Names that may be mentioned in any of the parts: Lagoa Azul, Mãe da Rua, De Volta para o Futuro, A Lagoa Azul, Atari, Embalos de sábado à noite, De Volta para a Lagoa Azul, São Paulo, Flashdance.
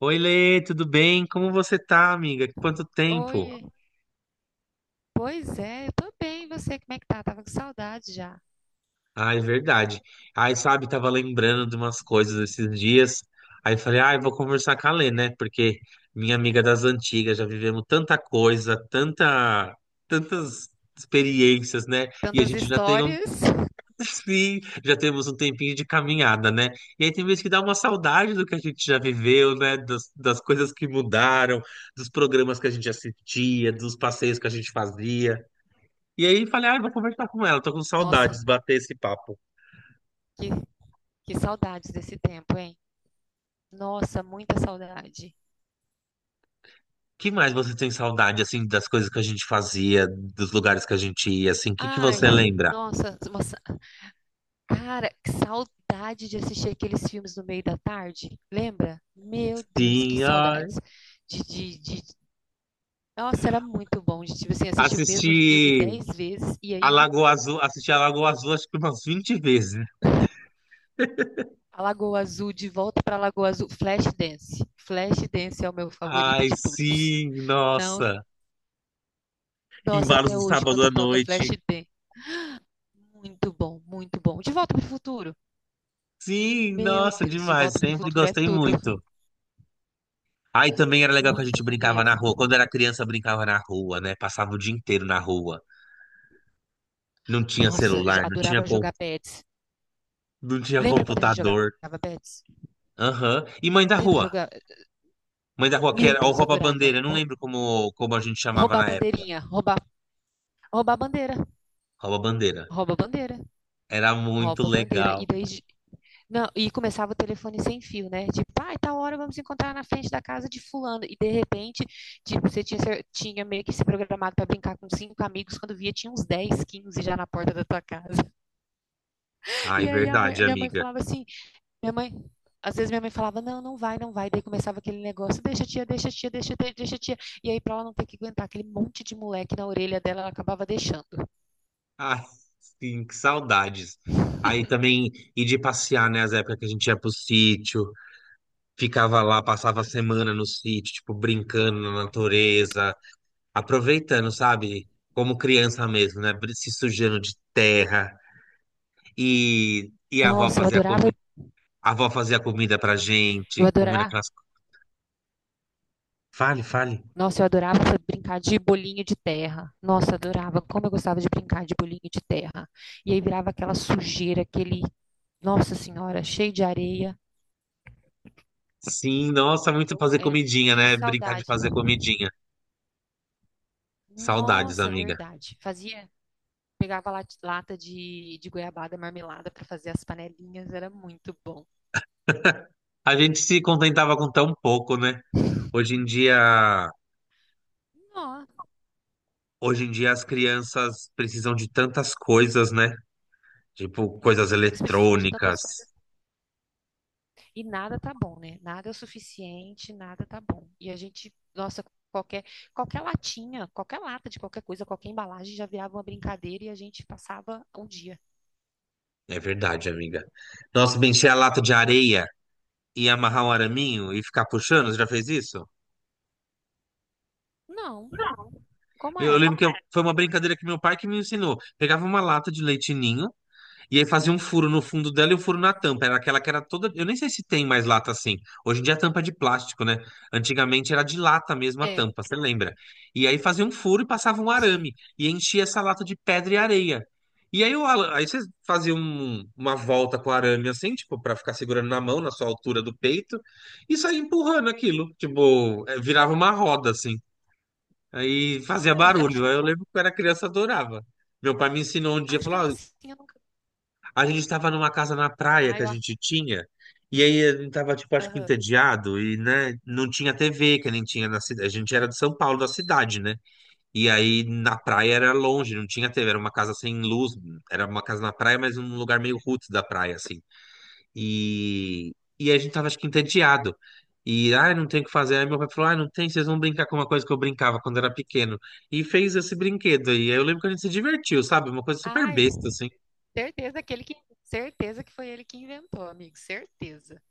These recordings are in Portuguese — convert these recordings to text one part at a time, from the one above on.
Oi, Lê, tudo bem? Como você tá, amiga? Quanto tempo? Oi, pois é, eu tô bem, e você, como é que tá? Tava com saudade já. Ah, é verdade. Aí, sabe, tava lembrando de umas coisas esses dias. Aí falei, ah, eu vou conversar com a Lê, né? Porque minha amiga das antigas, já vivemos tanta coisa, tanta, tantas experiências, né? E a Tantas gente já tem um, histórias. sim, já temos um tempinho de caminhada, né? E aí tem vezes que dá uma saudade do que a gente já viveu, né? Das coisas que mudaram, dos programas que a gente assistia, dos passeios que a gente fazia. E aí falei, ah, vou conversar com ela, tô com Nossa, saudades, de bater esse papo. que, que saudades desse tempo, hein? Nossa, muita saudade. Que mais você tem saudade, assim, das coisas que a gente fazia, dos lugares que a gente ia, assim, o que que Ai, você lembra? nossa, nossa, cara, que saudade de assistir aqueles filmes no meio da tarde, lembra? Meu Deus, que Sim, ai. saudades. De, de, de... Nossa, era muito bom de, tipo assim, assistir o mesmo filme Assisti 10 vezes e a aí Lagoa Azul, assisti a Lagoa Azul acho que umas 20 vezes. A Lagoa Azul, De Volta para a Lagoa Azul, Flashdance. Flashdance é o meu favorito Ai, de todos. sim, Não, nossa. nossa, Embalos até de hoje sábado quando à toca noite. Flashdance, muito bom, muito bom. De Volta para o Futuro. Sim, Meu nossa, Deus, De demais, Volta para o sempre Futuro é gostei tudo, muito. Aí também era legal que a gente muito brincava na mesmo. rua. Quando era criança, brincava na rua, né? Passava o dia inteiro na rua. Não tinha Nossa, eu celular, não tinha. adorava jogar pets. Não tinha Lembra quando a gente jogava computador. pets? Aham. E Mãe da Lembra Rua. jogar? Mãe da Rua, que Meu era o Deus, adorava. rouba-bandeira. Não lembro como, como a gente chamava Roubar na época. bandeirinha, roubar bandeira, Rouba-bandeira. rouba bandeira, Era muito rouba bandeira e legal. daí. Não, e começava o telefone sem fio, né? Tipo, ah, e tal hora vamos encontrar na frente da casa de fulano. E de repente, tipo, você tinha, tinha meio que se programado pra brincar com cinco amigos, quando via tinha uns 10, 15 já na porta da tua casa. Ai, E aí verdade, a minha mãe amiga. falava assim, minha mãe, às vezes minha mãe falava, não, não vai, não vai. Daí começava aquele negócio, deixa tia, deixa tia, deixa tia, deixa tia. E aí pra ela não ter que aguentar aquele monte de moleque na orelha dela, ela acabava deixando. Ai, sim, que saudades. Aí também ir de passear, né? As épocas que a gente ia pro sítio, ficava lá, passava a semana no sítio, tipo, brincando na natureza, aproveitando, sabe? Como criança mesmo, né? Se sujando de terra. E a avó Nossa, eu fazia adorava, comida. A avó fazia comida pra eu gente, comendo adorava aquelas. Fale, fale. Nossa, eu adorava brincar de bolinho de terra. Nossa, adorava. Como eu gostava de brincar de bolinho de terra. E aí virava aquela sujeira, aquele. Nossa Senhora, cheio de areia. Sim, nossa, muito Eu, fazer é, comidinha, que né? Brincar de saudade. fazer comidinha. Saudades, Nossa, amiga. verdade. Fazia. Pegava lata de goiabada marmelada para fazer as panelinhas. Era muito bom. A gente se contentava com tão pouco, né? Hoje em dia, Nossa, hoje em dia as crianças precisam de tantas coisas, né? Tipo, coisas eles precisam de tantas eletrônicas. coisas. E nada tá bom, né? Nada é o suficiente, nada tá bom. E a gente, nossa, qualquer, qualquer latinha, qualquer lata de qualquer coisa, qualquer embalagem já virava uma brincadeira e a gente passava um dia. É verdade, amiga. Nossa, bem, encher a lata de areia e amarrar um araminho e ficar puxando, você já fez isso? Não, como Eu era? lembro que foi uma brincadeira que meu pai que me ensinou. Pegava uma lata de leite ninho. E aí fazia um furo no fundo dela e um furo na Uhum. tampa. Era aquela que era toda. Eu nem sei se tem mais lata assim. Hoje em dia a tampa é de plástico, né? Antigamente era de lata mesmo a É, tampa, você lembra? E aí fazia um furo e passava um sim. arame. E enchia essa lata de pedra e areia. E aí, aí você fazia uma volta com o arame assim, tipo, pra ficar segurando na mão, na sua altura do peito, e saía empurrando aquilo. Tipo, é, virava uma roda assim. Aí fazia Ah, eu barulho. Aí eu lembro que eu era criança, eu adorava. Meu pai me ensinou um dia, acho que eu falou: "Ó, assim, eu nunca. a gente estava numa casa na praia Ai, que a gente tinha, e aí a gente tava, tipo, acho que aham. entediado, e, né, não tinha TV, que nem tinha na cidade. A gente era de São Paulo, da cidade, né? E aí na praia era longe, não tinha TV, era uma casa sem luz, era uma casa na praia, mas num lugar meio roots da praia, assim. E, e aí a gente tava, acho que entediado. E, ah, não tem o que fazer. Aí meu pai falou, ah, não tem, vocês vão brincar com uma coisa que eu brincava quando era pequeno. E fez esse brinquedo aí. Aí eu lembro que a gente se divertiu, sabe? Uma coisa super Ai, besta, assim. certeza que ele que, certeza que foi ele que inventou, amigo, certeza.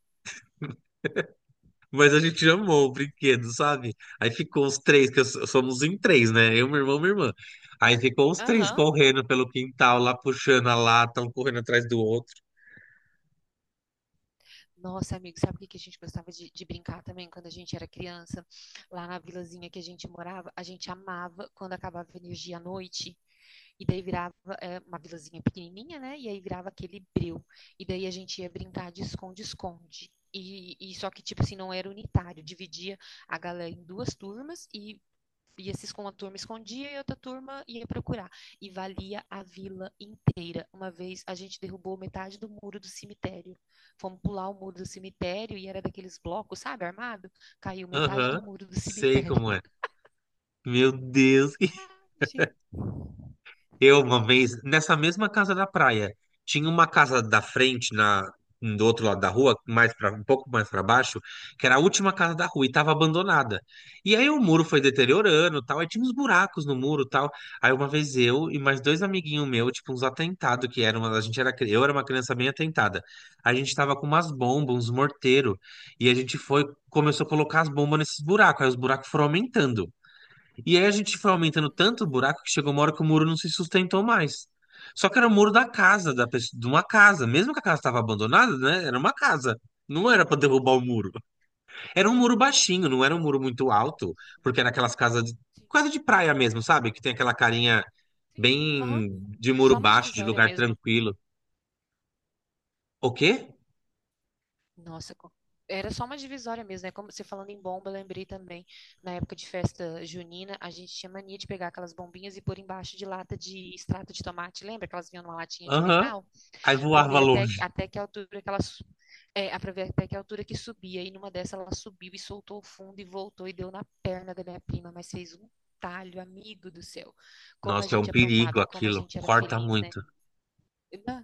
Mas a gente amou o brinquedo, sabe? Aí ficou os três, que somos em três, né? Eu, meu irmão, minha irmã. Aí ficou os três Aham. correndo pelo quintal, lá puxando a lata, um correndo atrás do outro. Nossa, amigo, sabe o que que a gente gostava de brincar também quando a gente era criança? Lá na vilazinha que a gente morava, a gente amava quando acabava a energia à noite. E daí virava uma vilazinha pequenininha, né? E aí virava aquele breu. E daí a gente ia brincar de esconde-esconde. E só que, tipo assim, não era unitário. Dividia a galera em duas turmas e ia se esconder, uma turma escondia e outra turma ia procurar. E valia a vila inteira. Uma vez a gente derrubou metade do muro do cemitério. Fomos pular o muro do cemitério e era daqueles blocos, sabe, armado? Caiu metade do Aham, muro do sei cemitério. como é. Meu Deus. Gente. Eu, uma vez, nessa mesma casa da praia, tinha uma casa da frente, na, do outro lado da rua, mais pra, um pouco mais para baixo, que era a última casa da rua e estava abandonada. E aí o muro foi deteriorando, tal, aí tinha uns buracos no muro, tal. Aí uma vez eu e mais dois amiguinhos meus, tipo uns atentados que eram, a gente era, eu era uma criança bem atentada. A gente tava com umas bombas, uns morteiros, e a gente foi, começou a colocar as bombas nesses buracos, aí os buracos foram aumentando. E aí a gente foi aumentando Uhum. tanto o buraco que chegou uma hora que o muro não se sustentou mais. Só que era o muro da casa, da pessoa, de uma casa. Mesmo que a casa estava abandonada, né? Era uma casa. Não era para derrubar Sim. o muro. Era um muro baixinho, não era um muro muito alto, Nossa. porque era aquelas casas de, Sim. quase de praia mesmo, sabe? Que tem aquela carinha Sim. Aham. bem de muro Só uma baixo, de divisória lugar mesmo. tranquilo. O quê? Nossa, era só uma divisória mesmo, né? Como você falando em bomba, eu lembrei também, na época de festa junina, a gente tinha mania de pegar aquelas bombinhas e pôr embaixo de lata de extrato de tomate. Lembra que elas vinham numa latinha de Aham. metal? Aí Pra voava ver até, longe. até que altura que elas. É, pra ver até que altura que subia. E numa dessa ela subiu e soltou o fundo e voltou e deu na perna da minha prima, mas fez um talho, amigo do céu. Como a Nossa, é um gente perigo aprontava e como a aquilo. gente era Corta feliz, né? muito. Na-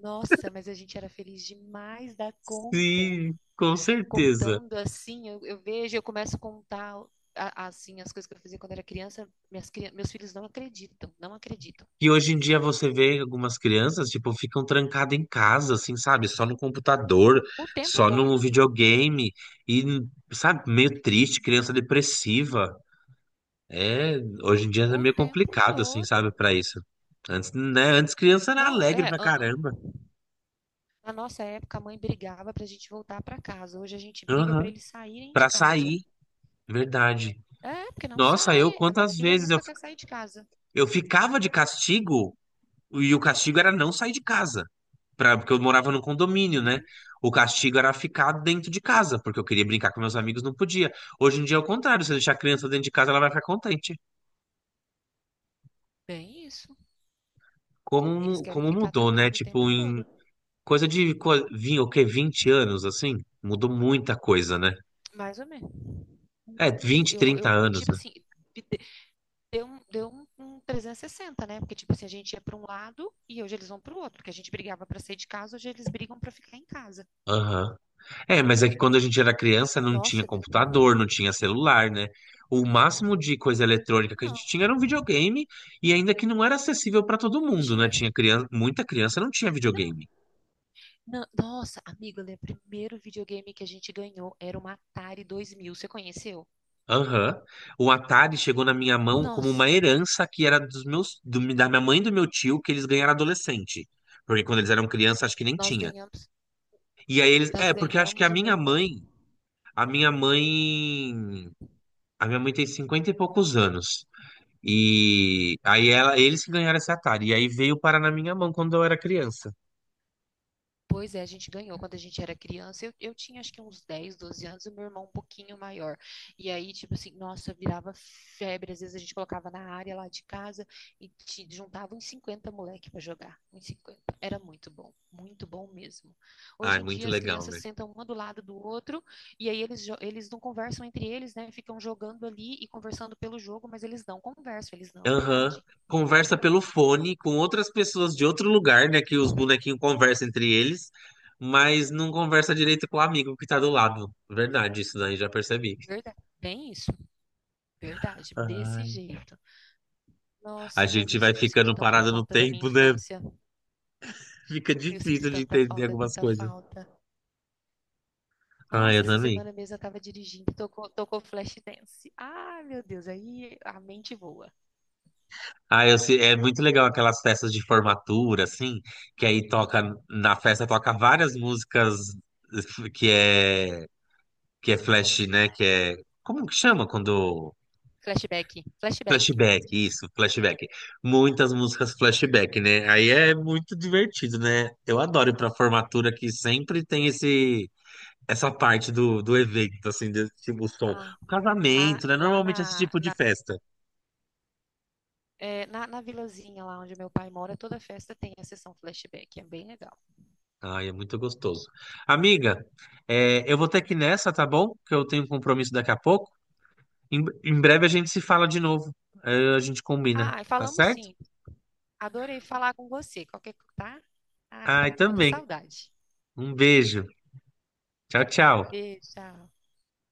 Nossa, mas a gente era feliz demais da conta Sim, com certeza. contando assim, eu vejo, eu começo a contar assim as coisas que eu fazia quando era criança, meus filhos não acreditam, não acreditam. E hoje em dia você vê algumas crianças, tipo, ficam trancadas em casa, assim, sabe? Só no computador, O tempo só no todo, videogame, e, sabe, meio triste, criança depressiva. É, hoje em dia é o meio tempo complicado, assim, todo. sabe, pra isso. Antes, né? Antes criança era Não, alegre pra caramba. na nossa época a mãe brigava pra gente voltar pra casa. Hoje a gente briga pra Aham. eles saírem de Pra casa. sair, verdade. É, porque não Nossa, eu sai. A minha quantas filha vezes nunca quer sair de casa. eu ficava de castigo, e o castigo era não sair de casa. Pra, porque eu morava num condomínio, né? Uhum, O castigo era ficar dentro de casa, porque eu queria brincar com meus amigos, não podia. Hoje em dia é o contrário, se eu deixar a criança dentro de casa, ela vai ficar contente. bem isso. Eles Como, querem como ficar mudou, né? trancado o tempo Tipo, em todo, coisa de o quê? 20 anos, assim? Mudou muita coisa, né? mais ou menos. É, Muito, 20, 30 anos, tipo né? assim, deu um 360 né? Porque, tipo assim, a gente ia para um lado e hoje eles vão para o outro. Porque a gente brigava para sair de casa, hoje eles brigam para ficar em casa. Aham. É, mas é que quando a gente era criança não tinha Nossa, computador, não tinha celular, né? O máximo de coisa eletrônica que a não, gente tinha era um videogame e ainda que não era acessível para todo que mundo, né? tinha. Tinha criança, muita criança não tinha Não, videogame. não, nossa, amigo, olha, o primeiro videogame que a gente ganhou era uma Atari 2000. Você conheceu? Aham. O Atari chegou na minha mão como uma Nossa, herança que era dos meus, da minha mãe e do meu tio que eles ganharam adolescente. Porque quando eles eram crianças, acho que nem nós tinha. ganhamos, E aí eles, nós é, porque acho que a ganhamos o meu minha irmão. mãe, a minha mãe, a minha mãe tem 50 e poucos anos. E aí ela, eles que ganharam esse Atari. E aí veio parar na minha mão quando eu era criança. Pois é, a gente ganhou quando a gente era criança. Eu tinha acho que uns 10 12 anos, e meu irmão um pouquinho maior. E aí, tipo assim, nossa, virava febre. Às vezes a gente colocava na área lá de casa e te juntava uns 50 moleque pra jogar. Uns 50. Era muito bom mesmo. Ai, Hoje em muito dia as legal, crianças né? sentam uma do lado do outro e aí eles não conversam entre eles, né? Ficam jogando ali e conversando pelo jogo, mas eles não conversam, eles não Aham. interagem. Conversa pelo fone com outras pessoas de outro lugar, né? Que os bonequinhos conversam entre eles, mas não conversa direito com o amigo que tá do lado. Verdade, isso daí já percebi. Verdade. Bem isso, verdade, desse Ai. jeito. A Nossa, mas gente eu, vai sin- eu sinto ficando tanta parado no falta da minha tempo, né? infância. Fica Eu sinto difícil de tanta entender falta, algumas tanta coisas. falta. Ai, Nossa, eu essa também. semana mesmo eu tava dirigindo, tocou Flashdance. Ah, meu Deus, aí a mente voa. Ah, é muito legal aquelas festas de formatura, assim, que aí toca, na festa toca várias músicas que é, que é flash, né, que é, como que chama quando, Flashback, flashback. flashback, isso, flashback. Muitas músicas flashback, né, aí é muito divertido, né, eu adoro ir pra formatura que sempre tem esse, essa parte do, do evento, assim, desse tipo som. Ah, ah, Casamento, né, lá normalmente esse na, tipo de na, festa. é, na, na vilazinha lá onde meu pai mora, toda festa tem a sessão flashback, é bem legal. Ai, é muito gostoso. Amiga, é, eu vou ter que ir nessa, tá bom? Que eu tenho um compromisso daqui a pouco. Em breve a gente se fala de novo. Aí a gente combina, Ah, e tá falamos certo? sim. Adorei falar com você. Tá? Ah, eu tava Ai, com muita também. saudade. Um beijo. Tchau, tchau. Beijo, tchau.